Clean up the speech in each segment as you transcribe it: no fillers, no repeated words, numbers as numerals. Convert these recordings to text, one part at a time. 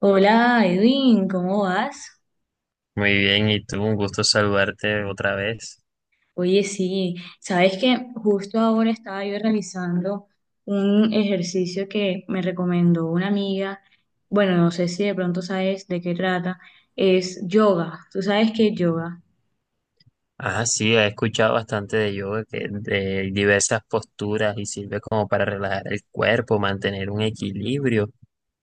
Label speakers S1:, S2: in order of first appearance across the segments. S1: Hola Edwin, ¿cómo vas?
S2: Muy bien, y tú, un gusto saludarte otra vez.
S1: Oye, sí, sabes que justo ahora estaba yo realizando un ejercicio que me recomendó una amiga. Bueno, no sé si de pronto sabes de qué trata. Es yoga. ¿Tú sabes qué es yoga?
S2: Ah, sí, he escuchado bastante de yoga, que de diversas posturas y sirve como para relajar el cuerpo, mantener un equilibrio.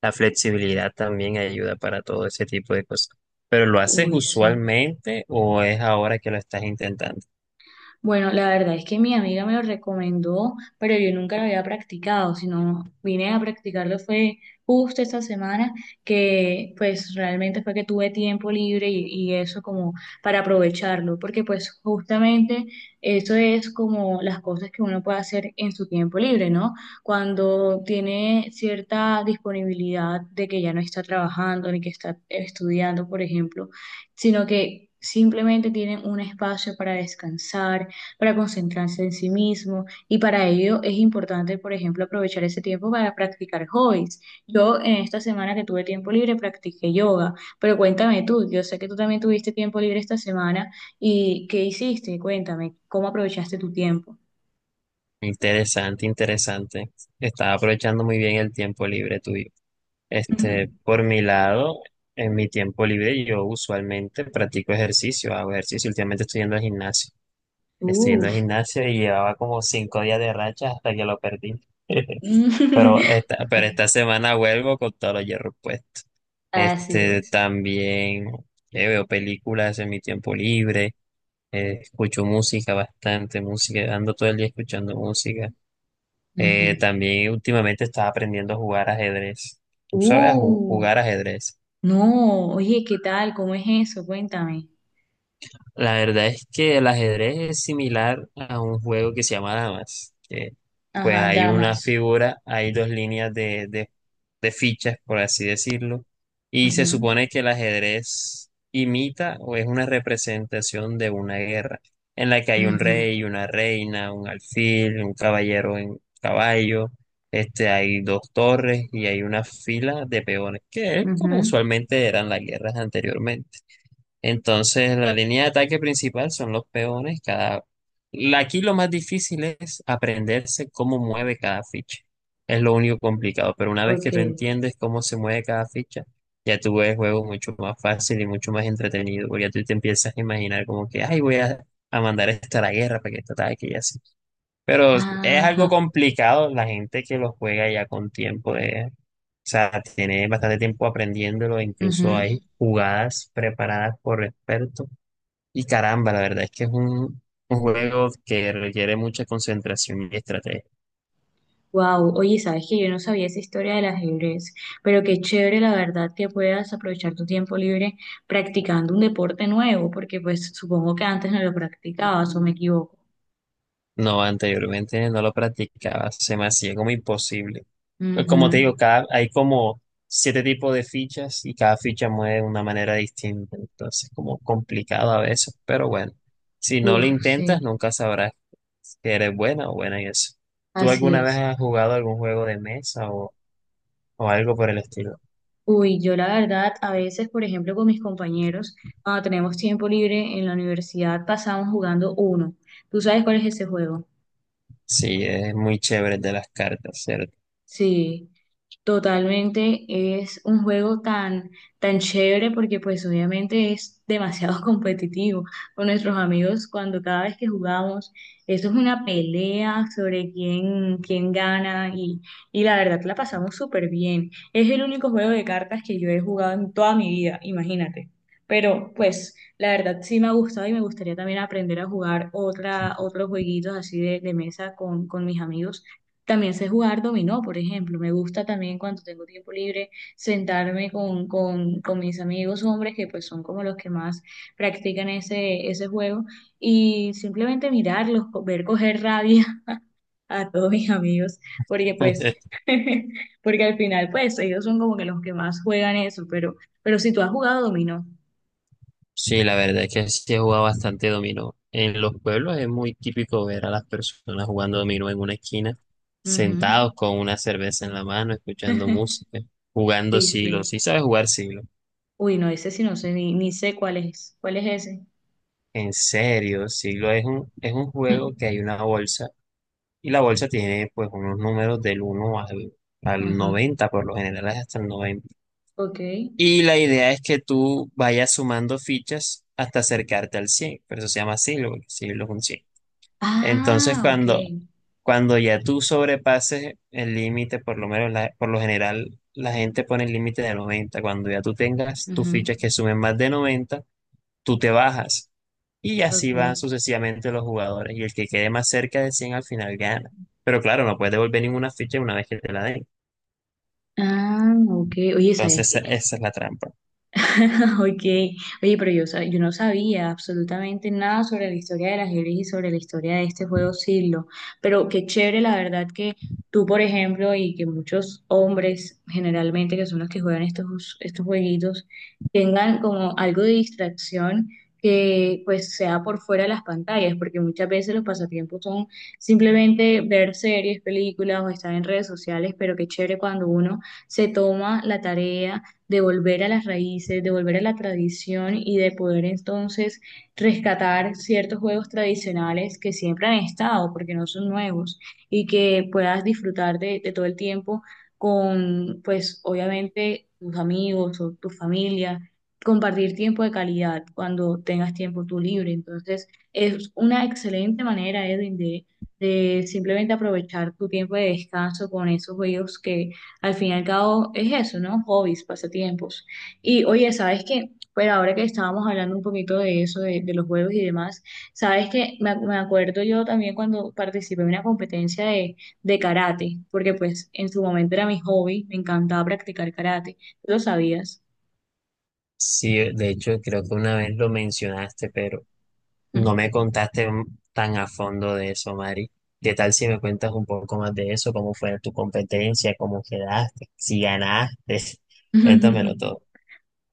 S2: La flexibilidad también ayuda para todo ese tipo de cosas. ¿Pero lo haces
S1: Uy, sí.
S2: usualmente o es ahora que lo estás intentando?
S1: Bueno, la verdad es que mi amiga me lo recomendó, pero yo nunca lo había practicado, sino vine a practicarlo fue justo esta semana, que pues realmente fue que tuve tiempo libre y eso como para aprovecharlo, porque pues justamente eso es como las cosas que uno puede hacer en su tiempo libre, ¿no? Cuando tiene cierta disponibilidad de que ya no está trabajando ni que está estudiando, por ejemplo, sino que... Simplemente tienen un espacio para descansar, para concentrarse en sí mismo y para ello es importante, por ejemplo, aprovechar ese tiempo para practicar hobbies. Yo en esta semana que tuve tiempo libre practiqué yoga, pero cuéntame tú, yo sé que tú también tuviste tiempo libre esta semana y ¿qué hiciste? Cuéntame, ¿cómo aprovechaste tu tiempo?
S2: Interesante, interesante. Estás aprovechando muy bien el tiempo libre tuyo. Por mi lado, en mi tiempo libre yo usualmente practico ejercicio, hago ejercicio, últimamente estoy yendo al gimnasio. Estoy yendo al
S1: Uf.
S2: gimnasio y llevaba como cinco días de racha hasta que lo perdí. Pero esta, pero esta semana vuelvo con todos los hierros puestos.
S1: Así es.
S2: También veo películas en mi tiempo libre, escucho música bastante, música, ando todo el día escuchando música.
S1: Ujú.
S2: También últimamente estaba aprendiendo a jugar ajedrez. ¿Tú sabes a
S1: Uh,
S2: jugar ajedrez?
S1: no, oye, ¿qué tal? ¿Cómo es eso? Cuéntame.
S2: La verdad es que el ajedrez es similar a un juego que se llama damas, que pues
S1: Ajá,
S2: hay una
S1: damas.
S2: figura, hay dos líneas de fichas, por así decirlo, y se
S1: Ujú,
S2: supone que el ajedrez imita o es una representación de una guerra, en la que hay un
S1: ujú,
S2: rey, una reina, un alfil, un caballero en caballo, hay dos torres y hay una fila de peones, que es como
S1: ujú.
S2: usualmente eran las guerras anteriormente. Entonces, la línea de ataque principal son los peones. Aquí lo más difícil es aprenderse cómo mueve cada ficha. Es lo único complicado, pero una vez
S1: Ok.
S2: que tú entiendes cómo se mueve cada ficha, ya tú ves el juego mucho más fácil y mucho más entretenido, porque ya tú te empiezas a imaginar como que, ay, a mandar esto a la guerra para que esto ataque y así. Pero es
S1: Ajá.
S2: algo complicado la gente que lo juega ya con tiempo de, o sea, tiene bastante tiempo aprendiéndolo, incluso hay jugadas preparadas por expertos. Y caramba, la verdad es que es un juego que requiere mucha concentración y estrategia.
S1: Wow, oye, sabes que yo no sabía esa historia del ajedrez, pero qué chévere la verdad que puedas aprovechar tu tiempo libre practicando un deporte nuevo, porque pues supongo que antes no lo practicabas o me equivoco.
S2: No, anteriormente no lo practicaba, se me hacía como imposible. Pues como te
S1: Ujú.
S2: digo, hay como siete tipos de fichas y cada ficha mueve de una manera distinta, entonces como complicado a veces, pero bueno, si no lo
S1: Uf, sí,
S2: intentas nunca sabrás que eres buena o buena en eso. ¿Tú
S1: así
S2: alguna vez
S1: es.
S2: has jugado algún juego de mesa o algo por el estilo?
S1: Uy, yo la verdad, a veces, por ejemplo, con mis compañeros, cuando tenemos tiempo libre en la universidad, pasamos jugando uno. ¿Tú sabes cuál es ese juego?
S2: Sí, es muy chévere el de las cartas, ¿cierto?
S1: Sí. Totalmente, es un juego tan, tan chévere porque pues obviamente es demasiado competitivo con nuestros amigos cuando cada vez que jugamos, eso es una pelea sobre quién, quién gana y la verdad la pasamos súper bien. Es el único juego de cartas que yo he jugado en toda mi vida, imagínate. Pero pues la verdad sí me ha gustado y me gustaría también aprender a jugar otra, otros jueguitos así de mesa con mis amigos también sé jugar dominó, por ejemplo. Me gusta también cuando tengo tiempo libre sentarme con, con mis amigos hombres, que pues son como los que más practican ese, ese juego, y simplemente mirarlos, ver coger rabia a todos mis amigos, porque pues, porque al final pues ellos son como que los que más juegan eso, pero si tú has jugado dominó.
S2: Sí, la verdad es que sí he jugado bastante dominó. En los pueblos es muy típico ver a las personas jugando dominó en una esquina,
S1: Ujú.
S2: sentados con una cerveza en la mano, escuchando música, jugando
S1: Sí,
S2: siglo.
S1: sí.
S2: Sí sabes jugar siglo.
S1: Uy, no, ese sí no sé, ni, ni sé cuál es. ¿Cuál es ese?
S2: En serio, siglo es es un juego que hay una bolsa y la bolsa tiene pues unos números al
S1: Ajá.
S2: noventa, por lo general es hasta el noventa.
S1: Ok.
S2: Y la idea es que tú vayas sumando fichas hasta acercarte al 100. Por eso se llama siglo, porque siglo es un 100. Entonces,
S1: Ah, ok.
S2: cuando ya tú sobrepases el límite, por lo menos por lo general, la gente pone el límite de 90. Cuando ya tú tengas tus
S1: Ujú.
S2: fichas que sumen más de 90, tú te bajas. Y así van
S1: Ok.
S2: sucesivamente los jugadores. Y el que quede más cerca de 100 al final gana. Pero claro, no puedes devolver ninguna ficha una vez que te la den.
S1: Ah, ok. Oye, ¿sabes?
S2: Entonces, esa es la trampa.
S1: Ok, oye, pero yo, yo no sabía absolutamente nada sobre la historia del ajedrez y sobre la historia de este juego siglo, pero qué chévere la verdad que tú, por ejemplo, y que muchos hombres generalmente, que son los que juegan estos, estos jueguitos, tengan como algo de distracción que pues sea por fuera de las pantallas, porque muchas veces los pasatiempos son simplemente ver series, películas o estar en redes sociales, pero qué chévere cuando uno se toma la tarea de volver a las raíces, de volver a la tradición y de poder entonces rescatar ciertos juegos tradicionales que siempre han estado, porque no son nuevos, y que puedas disfrutar de todo el tiempo con, pues obviamente, tus amigos o tu familia, compartir tiempo de calidad cuando tengas tiempo tú libre. Entonces, es una excelente manera, Edwin, de simplemente aprovechar tu tiempo de descanso con esos juegos que al fin y al cabo es eso, ¿no? Hobbies, pasatiempos. Y oye, ¿sabes qué? Pero ahora que estábamos hablando un poquito de eso, de los juegos y demás, ¿sabes qué? Me acuerdo yo también cuando participé en una competencia de karate, porque pues en su momento era mi hobby, me encantaba practicar karate. ¿Tú lo sabías?
S2: Sí, de hecho, creo que una vez lo mencionaste, pero no me contaste tan a fondo de eso, Mari. ¿Qué tal si me cuentas un poco más de eso? ¿Cómo fue tu competencia? ¿Cómo quedaste? ¿Si ganaste? Cuéntamelo todo.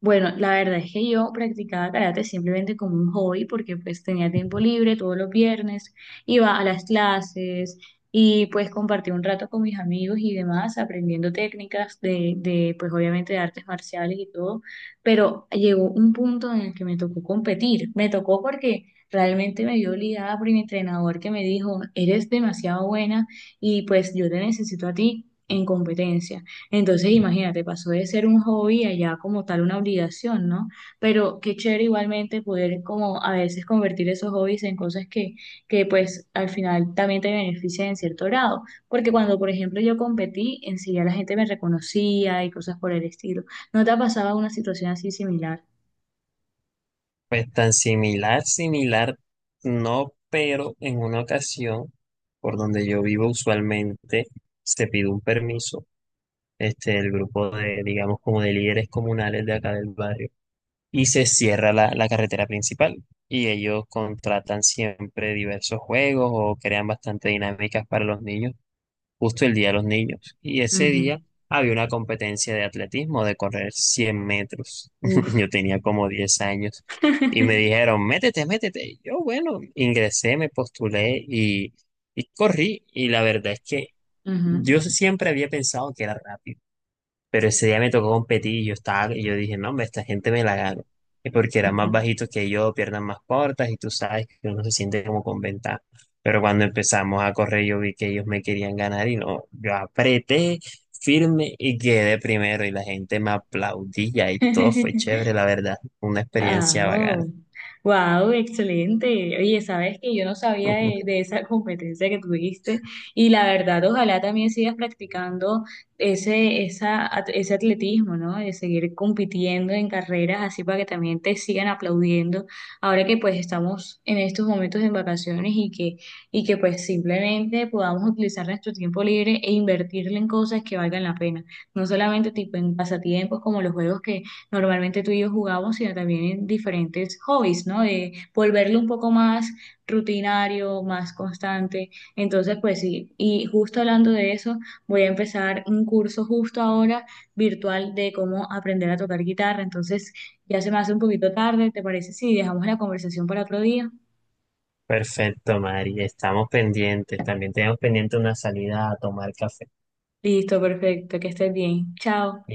S1: Bueno, la verdad es que yo practicaba karate simplemente como un hobby porque pues tenía tiempo libre todos los viernes, iba a las clases y pues compartí un rato con mis amigos y demás aprendiendo técnicas de pues obviamente de artes marciales y todo, pero llegó un punto en el que me tocó competir, me tocó porque realmente me vio obligada por mi entrenador que me dijo, eres demasiado buena y pues yo te necesito a ti en competencia. Entonces, imagínate, pasó de ser un hobby a ya como tal una obligación, ¿no? Pero qué chévere igualmente poder como a veces convertir esos hobbies en cosas que pues al final también te benefician en cierto grado. Porque cuando, por ejemplo, yo competí, en sí ya la gente me reconocía y cosas por el estilo. ¿No te ha pasado una situación así similar?
S2: Pues tan similar, similar, no, pero en una ocasión, por donde yo vivo usualmente, se pidió un permiso, el grupo de, digamos, como de líderes comunales de acá del barrio, y se cierra la carretera principal. Y ellos contratan siempre diversos juegos o crean bastante dinámicas para los niños, justo el día de los niños. Y ese día
S1: Ujú.
S2: había una competencia de atletismo de correr 100 metros.
S1: Uf.
S2: Yo tenía como 10 años y me dijeron, métete, métete. Bueno, ingresé, me postulé y corrí. Y la verdad es que yo
S1: Ujú.
S2: siempre había pensado que era rápido, pero ese día me tocó competir y yo estaba, y yo dije, no, hombre, esta gente me la gano. Y porque eran más
S1: Ujú.
S2: bajitos que yo, piernas más cortas, y tú sabes que uno se siente como con ventaja. Pero cuando empezamos a correr, yo vi que ellos me querían ganar y no, yo apreté firme y quedé primero. Y la gente me aplaudía y todo fue chévere, la verdad. Una
S1: Ah,
S2: experiencia bacana.
S1: oh, wow, excelente. Oye, sabes que yo no sabía de esa competencia que tuviste y la verdad, ojalá también sigas practicando ese, ese atletismo, ¿no? De seguir compitiendo en carreras así para que también te sigan aplaudiendo. Ahora que pues estamos en estos momentos en vacaciones y que pues simplemente podamos utilizar nuestro tiempo libre e invertirlo en cosas que valgan la pena. No solamente tipo en pasatiempos como los juegos que normalmente tú y yo jugamos, sino también en diferentes hobbies, ¿no? De volverlo un poco más rutinario, más constante. Entonces, pues sí, y justo hablando de eso, voy a empezar un curso justo ahora virtual de cómo aprender a tocar guitarra. Entonces, ya se me hace un poquito tarde, ¿te parece? Sí, dejamos la conversación para otro día.
S2: Perfecto, Mari. Estamos pendientes. También tenemos pendiente una salida a tomar café.
S1: Listo, perfecto, que estés bien. Chao.